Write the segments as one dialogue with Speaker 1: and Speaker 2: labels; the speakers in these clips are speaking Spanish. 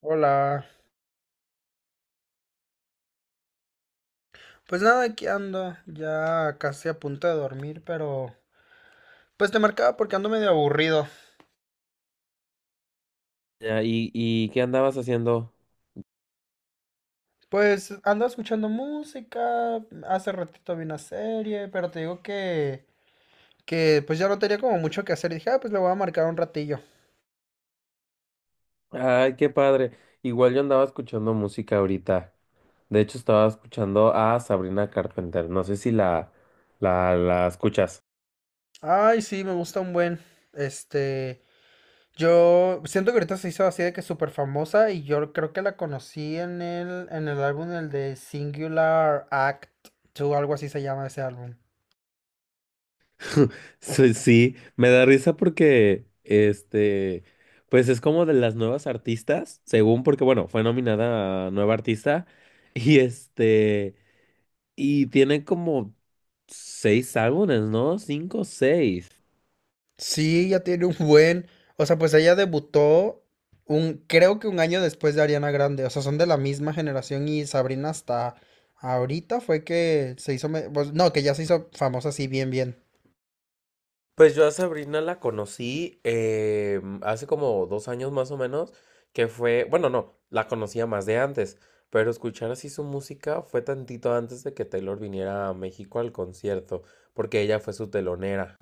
Speaker 1: Hola, pues nada, aquí ando, ya casi a punto de dormir, pero pues te marcaba porque ando medio aburrido.
Speaker 2: Ya, ¿y qué andabas haciendo?
Speaker 1: Pues ando escuchando música, hace ratito vi una serie, pero te digo que pues ya no tenía como mucho que hacer y dije, ah, pues le voy a marcar un ratillo.
Speaker 2: Ay, qué padre. Igual yo andaba escuchando música ahorita. De hecho, estaba escuchando a Sabrina Carpenter. No sé si la escuchas.
Speaker 1: Ay, sí, me gusta un buen, este, yo siento que ahorita se hizo así de que súper famosa y yo creo que la conocí en el álbum, el de Singular Act 2, algo así se llama ese álbum.
Speaker 2: Sí, sí, me da risa porque, este, pues es como de las nuevas artistas, según porque, bueno, fue nominada a nueva artista. Y este, y tiene como seis álbumes, ¿no? Cinco, seis.
Speaker 1: Sí, ya tiene un buen. O sea, pues ella debutó un, creo que un año después de Ariana Grande. O sea, son de la misma generación y Sabrina hasta ahorita fue que se hizo, pues, no, que ya se hizo famosa así bien, bien.
Speaker 2: Pues yo a Sabrina la conocí hace como 2 años más o menos, que fue, bueno, no, la conocía más de antes, pero escuchar así su música fue tantito antes de que Taylor viniera a México al concierto, porque ella fue su telonera.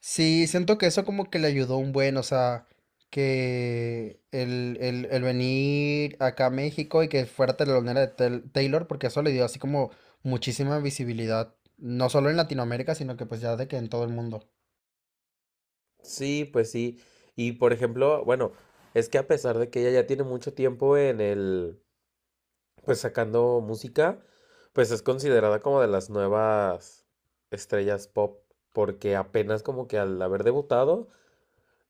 Speaker 1: Sí, siento que eso como que le ayudó un buen, o sea, que el venir acá a México y que fuera telonera de Taylor, porque eso le dio así como muchísima visibilidad, no solo en Latinoamérica, sino que pues ya de que en todo el mundo.
Speaker 2: Sí, pues sí. Y por ejemplo, bueno, es que a pesar de que ella ya tiene mucho tiempo en el, pues sacando música, pues es considerada como de las nuevas estrellas pop, porque apenas como que al haber debutado,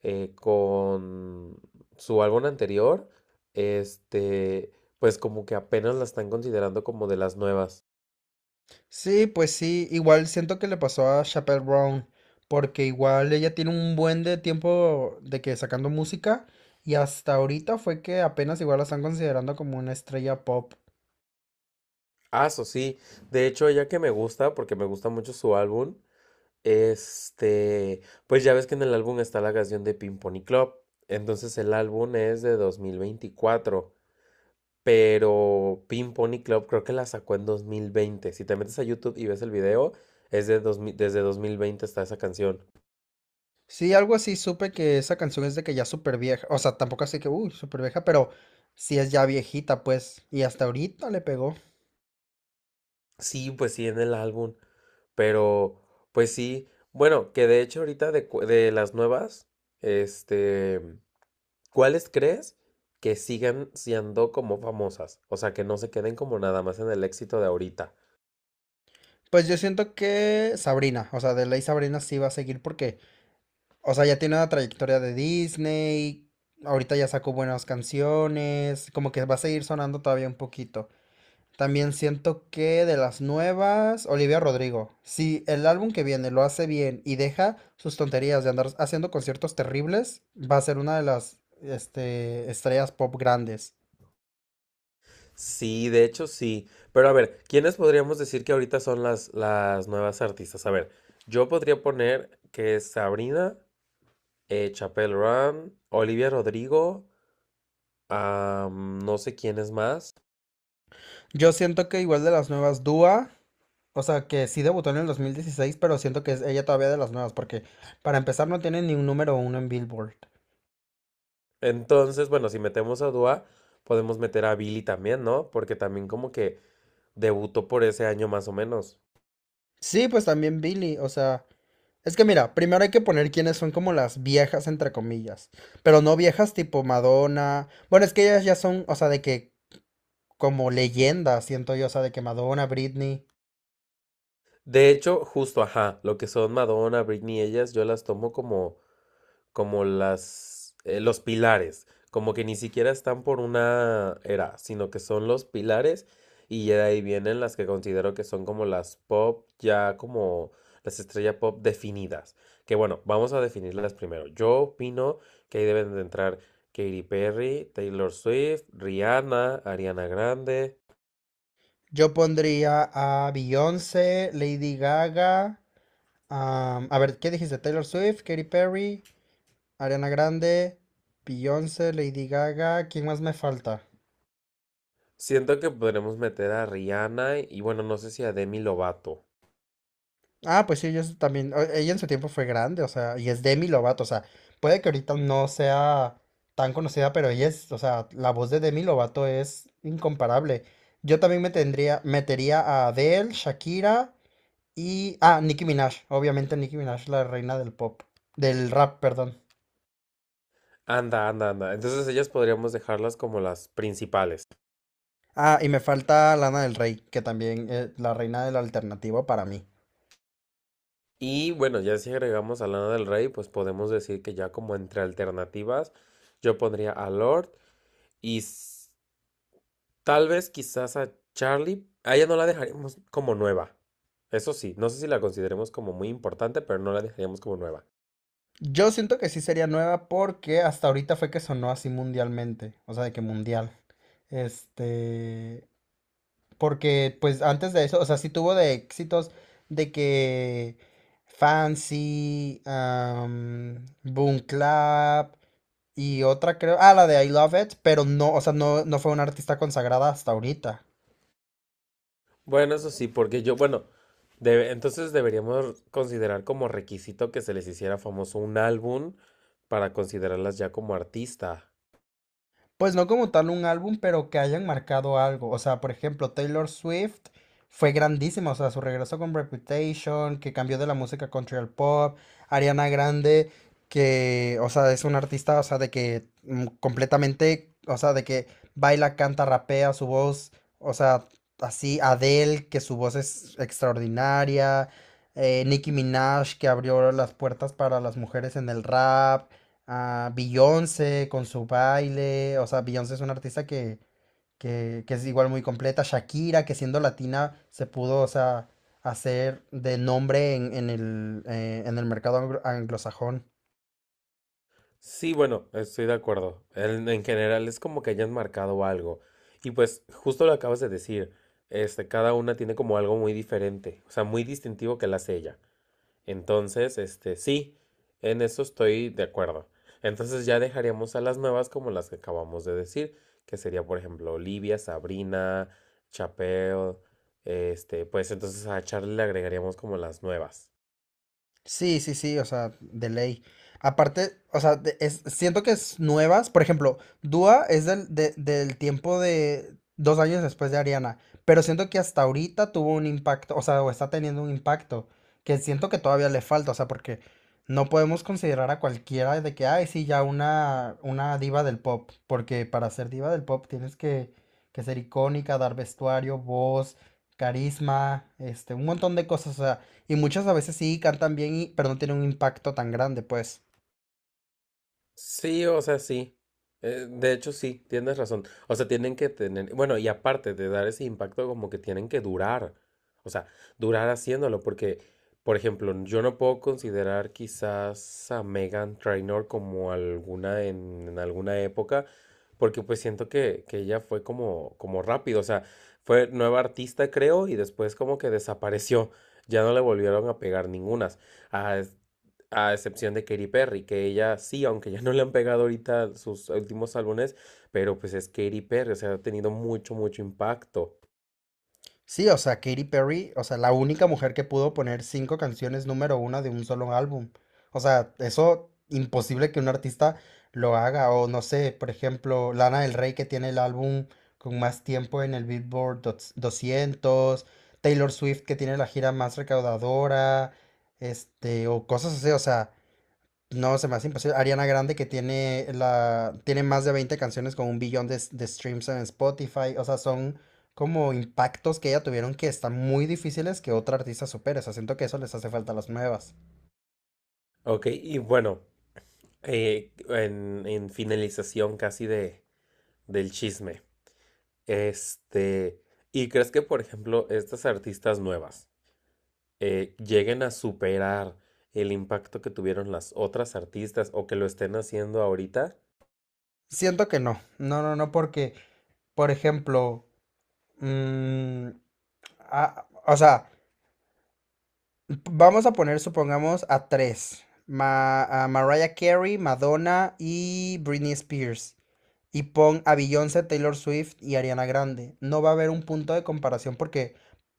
Speaker 2: con su álbum anterior, este, pues como que apenas la están considerando como de las nuevas.
Speaker 1: Sí, pues sí, igual siento que le pasó a Chappell Brown, porque igual ella tiene un buen de tiempo de que sacando música y hasta ahorita fue que apenas igual la están considerando como una estrella pop.
Speaker 2: Ah, eso sí, de hecho ella que me gusta, porque me gusta mucho su álbum, este, pues ya ves que en el álbum está la canción de Pink Pony Club, entonces el álbum es de 2024. Pero Pink Pony Club creo que la sacó en 2020. Si te metes a YouTube y ves el video, es de desde 2020 está esa canción.
Speaker 1: Sí, algo así supe que esa canción es de que ya súper vieja, o sea, tampoco así que, uy, súper vieja, pero sí es ya viejita, pues, y hasta ahorita le pegó.
Speaker 2: Sí, pues sí, en el álbum. Pero, pues sí, bueno, que de hecho ahorita de las nuevas, este, ¿cuáles crees que sigan siendo como famosas? O sea, que no se queden como nada más en el éxito de ahorita.
Speaker 1: Pues yo siento que Sabrina, o sea, de ley Sabrina sí va a seguir porque, o sea, ya tiene una trayectoria de Disney, ahorita ya sacó buenas canciones, como que va a seguir sonando todavía un poquito. También siento que de las nuevas, Olivia Rodrigo, si el álbum que viene lo hace bien y deja sus tonterías de andar haciendo conciertos terribles, va a ser una de las estrellas pop grandes.
Speaker 2: Sí, de hecho sí. Pero a ver, ¿quiénes podríamos decir que ahorita son las nuevas artistas? A ver, yo podría poner que es Sabrina, Chapel Run, Olivia Rodrigo, ah, no sé quién es más.
Speaker 1: Yo siento que igual de las nuevas, Dua, o sea, que sí debutó en el 2016, pero siento que es ella todavía de las nuevas, porque para empezar no tiene ni un número uno en Billboard.
Speaker 2: Entonces, bueno, si metemos a Dua, podemos meter a Billy también, ¿no? Porque también como que debutó por ese año más o menos.
Speaker 1: Sí, pues también Billy, o sea, es que mira, primero hay que poner quiénes son como las viejas, entre comillas, pero no viejas tipo Madonna, bueno, es que ellas ya son, o sea, de que como leyendas, siento yo, o sea, de que Madonna, Britney,
Speaker 2: De hecho, justo, ajá, lo que son Madonna, Britney, ellas, yo las tomo como los pilares, como que ni siquiera están por una era, sino que son los pilares y ya de ahí vienen las que considero que son como las pop, ya como las estrellas pop definidas. Que bueno, vamos a definirlas primero. Yo opino que ahí deben de entrar Katy Perry, Taylor Swift, Rihanna, Ariana Grande.
Speaker 1: yo pondría a Beyoncé, Lady Gaga, a ver, ¿qué dijiste? Taylor Swift, Katy Perry, Ariana Grande, Beyoncé, Lady Gaga, ¿quién más me falta?
Speaker 2: Siento que podremos meter a Rihanna y bueno, no sé si a Demi Lovato.
Speaker 1: Ah, pues sí, ella es también, ella en su tiempo fue grande, o sea, y es Demi Lovato, o sea, puede que ahorita no sea tan conocida, pero ella es, o sea, la voz de Demi Lovato es incomparable. Yo también me tendría, metería a Adele, Shakira y, ah, Nicki Minaj, obviamente Nicki Minaj, la reina del pop, del rap, perdón.
Speaker 2: Anda, anda, anda. Entonces ellas podríamos dejarlas como las principales.
Speaker 1: Ah, y me falta Lana del Rey, que también es la reina del alternativo para mí.
Speaker 2: Y bueno, ya si agregamos a Lana del Rey, pues podemos decir que ya como entre alternativas, yo pondría a Lord y s- tal vez quizás a Charlie. A ella no la dejaríamos como nueva. Eso sí, no sé si la consideremos como muy importante, pero no la dejaríamos como nueva.
Speaker 1: Yo siento que sí sería nueva porque hasta ahorita fue que sonó así mundialmente, o sea, de que mundial. Este, porque pues antes de eso, o sea, sí tuvo de éxitos de que Fancy, Boom Clap y otra creo, ah, la de I Love It, pero no, o sea, no, no fue una artista consagrada hasta ahorita.
Speaker 2: Bueno, eso sí, porque yo, bueno, entonces deberíamos considerar como requisito que se les hiciera famoso un álbum para considerarlas ya como artista.
Speaker 1: Pues no como tal un álbum, pero que hayan marcado algo. O sea, por ejemplo, Taylor Swift fue grandísima. O sea, su regreso con Reputation, que cambió de la música country al pop. Ariana Grande, que, o sea, es una artista, o sea, de que completamente, o sea, de que baila, canta, rapea, su voz, o sea, así. Adele, que su voz es extraordinaria. Nicki Minaj, que abrió las puertas para las mujeres en el rap a Beyoncé con su baile, o sea, Beyoncé es una artista que es igual muy completa, Shakira, que siendo latina se pudo, o sea, hacer de nombre en el mercado anglosajón.
Speaker 2: Sí, bueno, estoy de acuerdo. En general es como que hayan marcado algo. Y pues justo lo acabas de decir, este, cada una tiene como algo muy diferente, o sea, muy distintivo que la hace ella. Entonces, este, sí, en eso estoy de acuerdo. Entonces ya dejaríamos a las nuevas como las que acabamos de decir, que sería, por ejemplo, Olivia, Sabrina, Chapelle, este, pues entonces a Charlie le agregaríamos como las nuevas.
Speaker 1: Sí, sí, sí, o sea, de ley. Aparte, o sea, siento que es nuevas. Por ejemplo, Dua es del, del tiempo de dos años después de Ariana, pero siento que hasta ahorita tuvo un impacto, o sea, o está teniendo un impacto, que siento que todavía le falta, o sea, porque no podemos considerar a cualquiera de que, ay, sí, ya una diva del pop, porque para ser diva del pop tienes que ser icónica, dar vestuario, voz, carisma, un montón de cosas, y muchas a veces sí cantan bien, y, pero no tienen un impacto tan grande, pues.
Speaker 2: Sí, o sea, sí. De hecho, sí, tienes razón. O sea, tienen que tener, bueno, y aparte de dar ese impacto, como que tienen que durar. O sea, durar haciéndolo, porque, por ejemplo, yo no puedo considerar quizás a Megan Trainor como alguna en alguna época, porque pues siento que ella fue como rápido. O sea, fue nueva artista, creo, y después como que desapareció. Ya no le volvieron a pegar ningunas. Ah, a excepción de Katy Perry, que ella sí, aunque ya no le han pegado ahorita sus últimos álbumes, pero pues es Katy Perry, o sea, ha tenido mucho, mucho impacto.
Speaker 1: Sí, o sea, Katy Perry, o sea, la única mujer que pudo poner cinco canciones número una de un solo álbum. O sea, eso imposible que un artista lo haga. O no sé, por ejemplo, Lana del Rey que tiene el álbum con más tiempo en el Billboard 200. Taylor Swift que tiene la gira más recaudadora, o cosas así. O sea, no, se me hace imposible. Ariana Grande que tiene la tiene más de 20 canciones con un billón de streams en Spotify. O sea, son como impactos que ella tuvieron que están muy difíciles que otra artista supere. O sea, siento que eso les hace falta a las nuevas.
Speaker 2: Ok, y bueno, en finalización casi del chisme, este, ¿y crees que, por ejemplo, estas artistas nuevas lleguen a superar el impacto que tuvieron las otras artistas o que lo estén haciendo ahorita?
Speaker 1: Siento que no. No, no, no, porque, por ejemplo, mm, o sea, vamos a poner, supongamos, a tres. A Mariah Carey, Madonna y Britney Spears. Y pon a Beyoncé, Taylor Swift y Ariana Grande. No va a haber un punto de comparación porque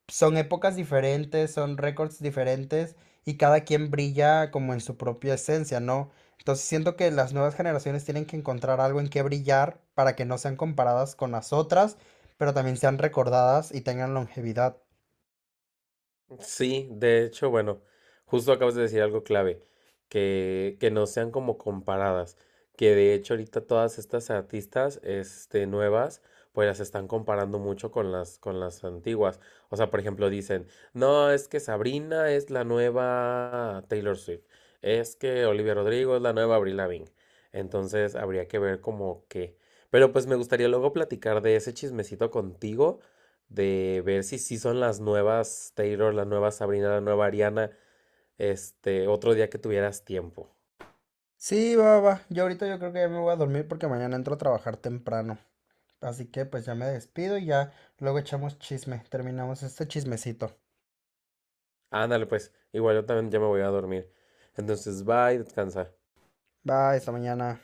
Speaker 1: son épocas diferentes, son récords diferentes y cada quien brilla como en su propia esencia, ¿no? Entonces siento que las nuevas generaciones tienen que encontrar algo en qué brillar para que no sean comparadas con las otras, pero también sean recordadas y tengan longevidad.
Speaker 2: Sí, de hecho, bueno, justo acabas de decir algo clave, que no sean como comparadas, que de hecho ahorita todas estas artistas, este, nuevas, pues las están comparando mucho con las antiguas. O sea, por ejemplo, dicen, no, es que Sabrina es la nueva Taylor Swift, es que Olivia Rodrigo es la nueva Avril Lavigne. Entonces habría que ver como que. Pero pues me gustaría luego platicar de ese chismecito contigo de ver si sí son las nuevas Taylor, la nueva Sabrina, la nueva Ariana, este, otro día que tuvieras tiempo.
Speaker 1: Sí, va, va. Yo ahorita yo creo que ya me voy a dormir porque mañana entro a trabajar temprano. Así que pues ya me despido y ya luego echamos chisme, terminamos este chismecito.
Speaker 2: Ándale, pues, igual yo también ya me voy a dormir. Entonces, bye, descansa.
Speaker 1: Bye, hasta mañana.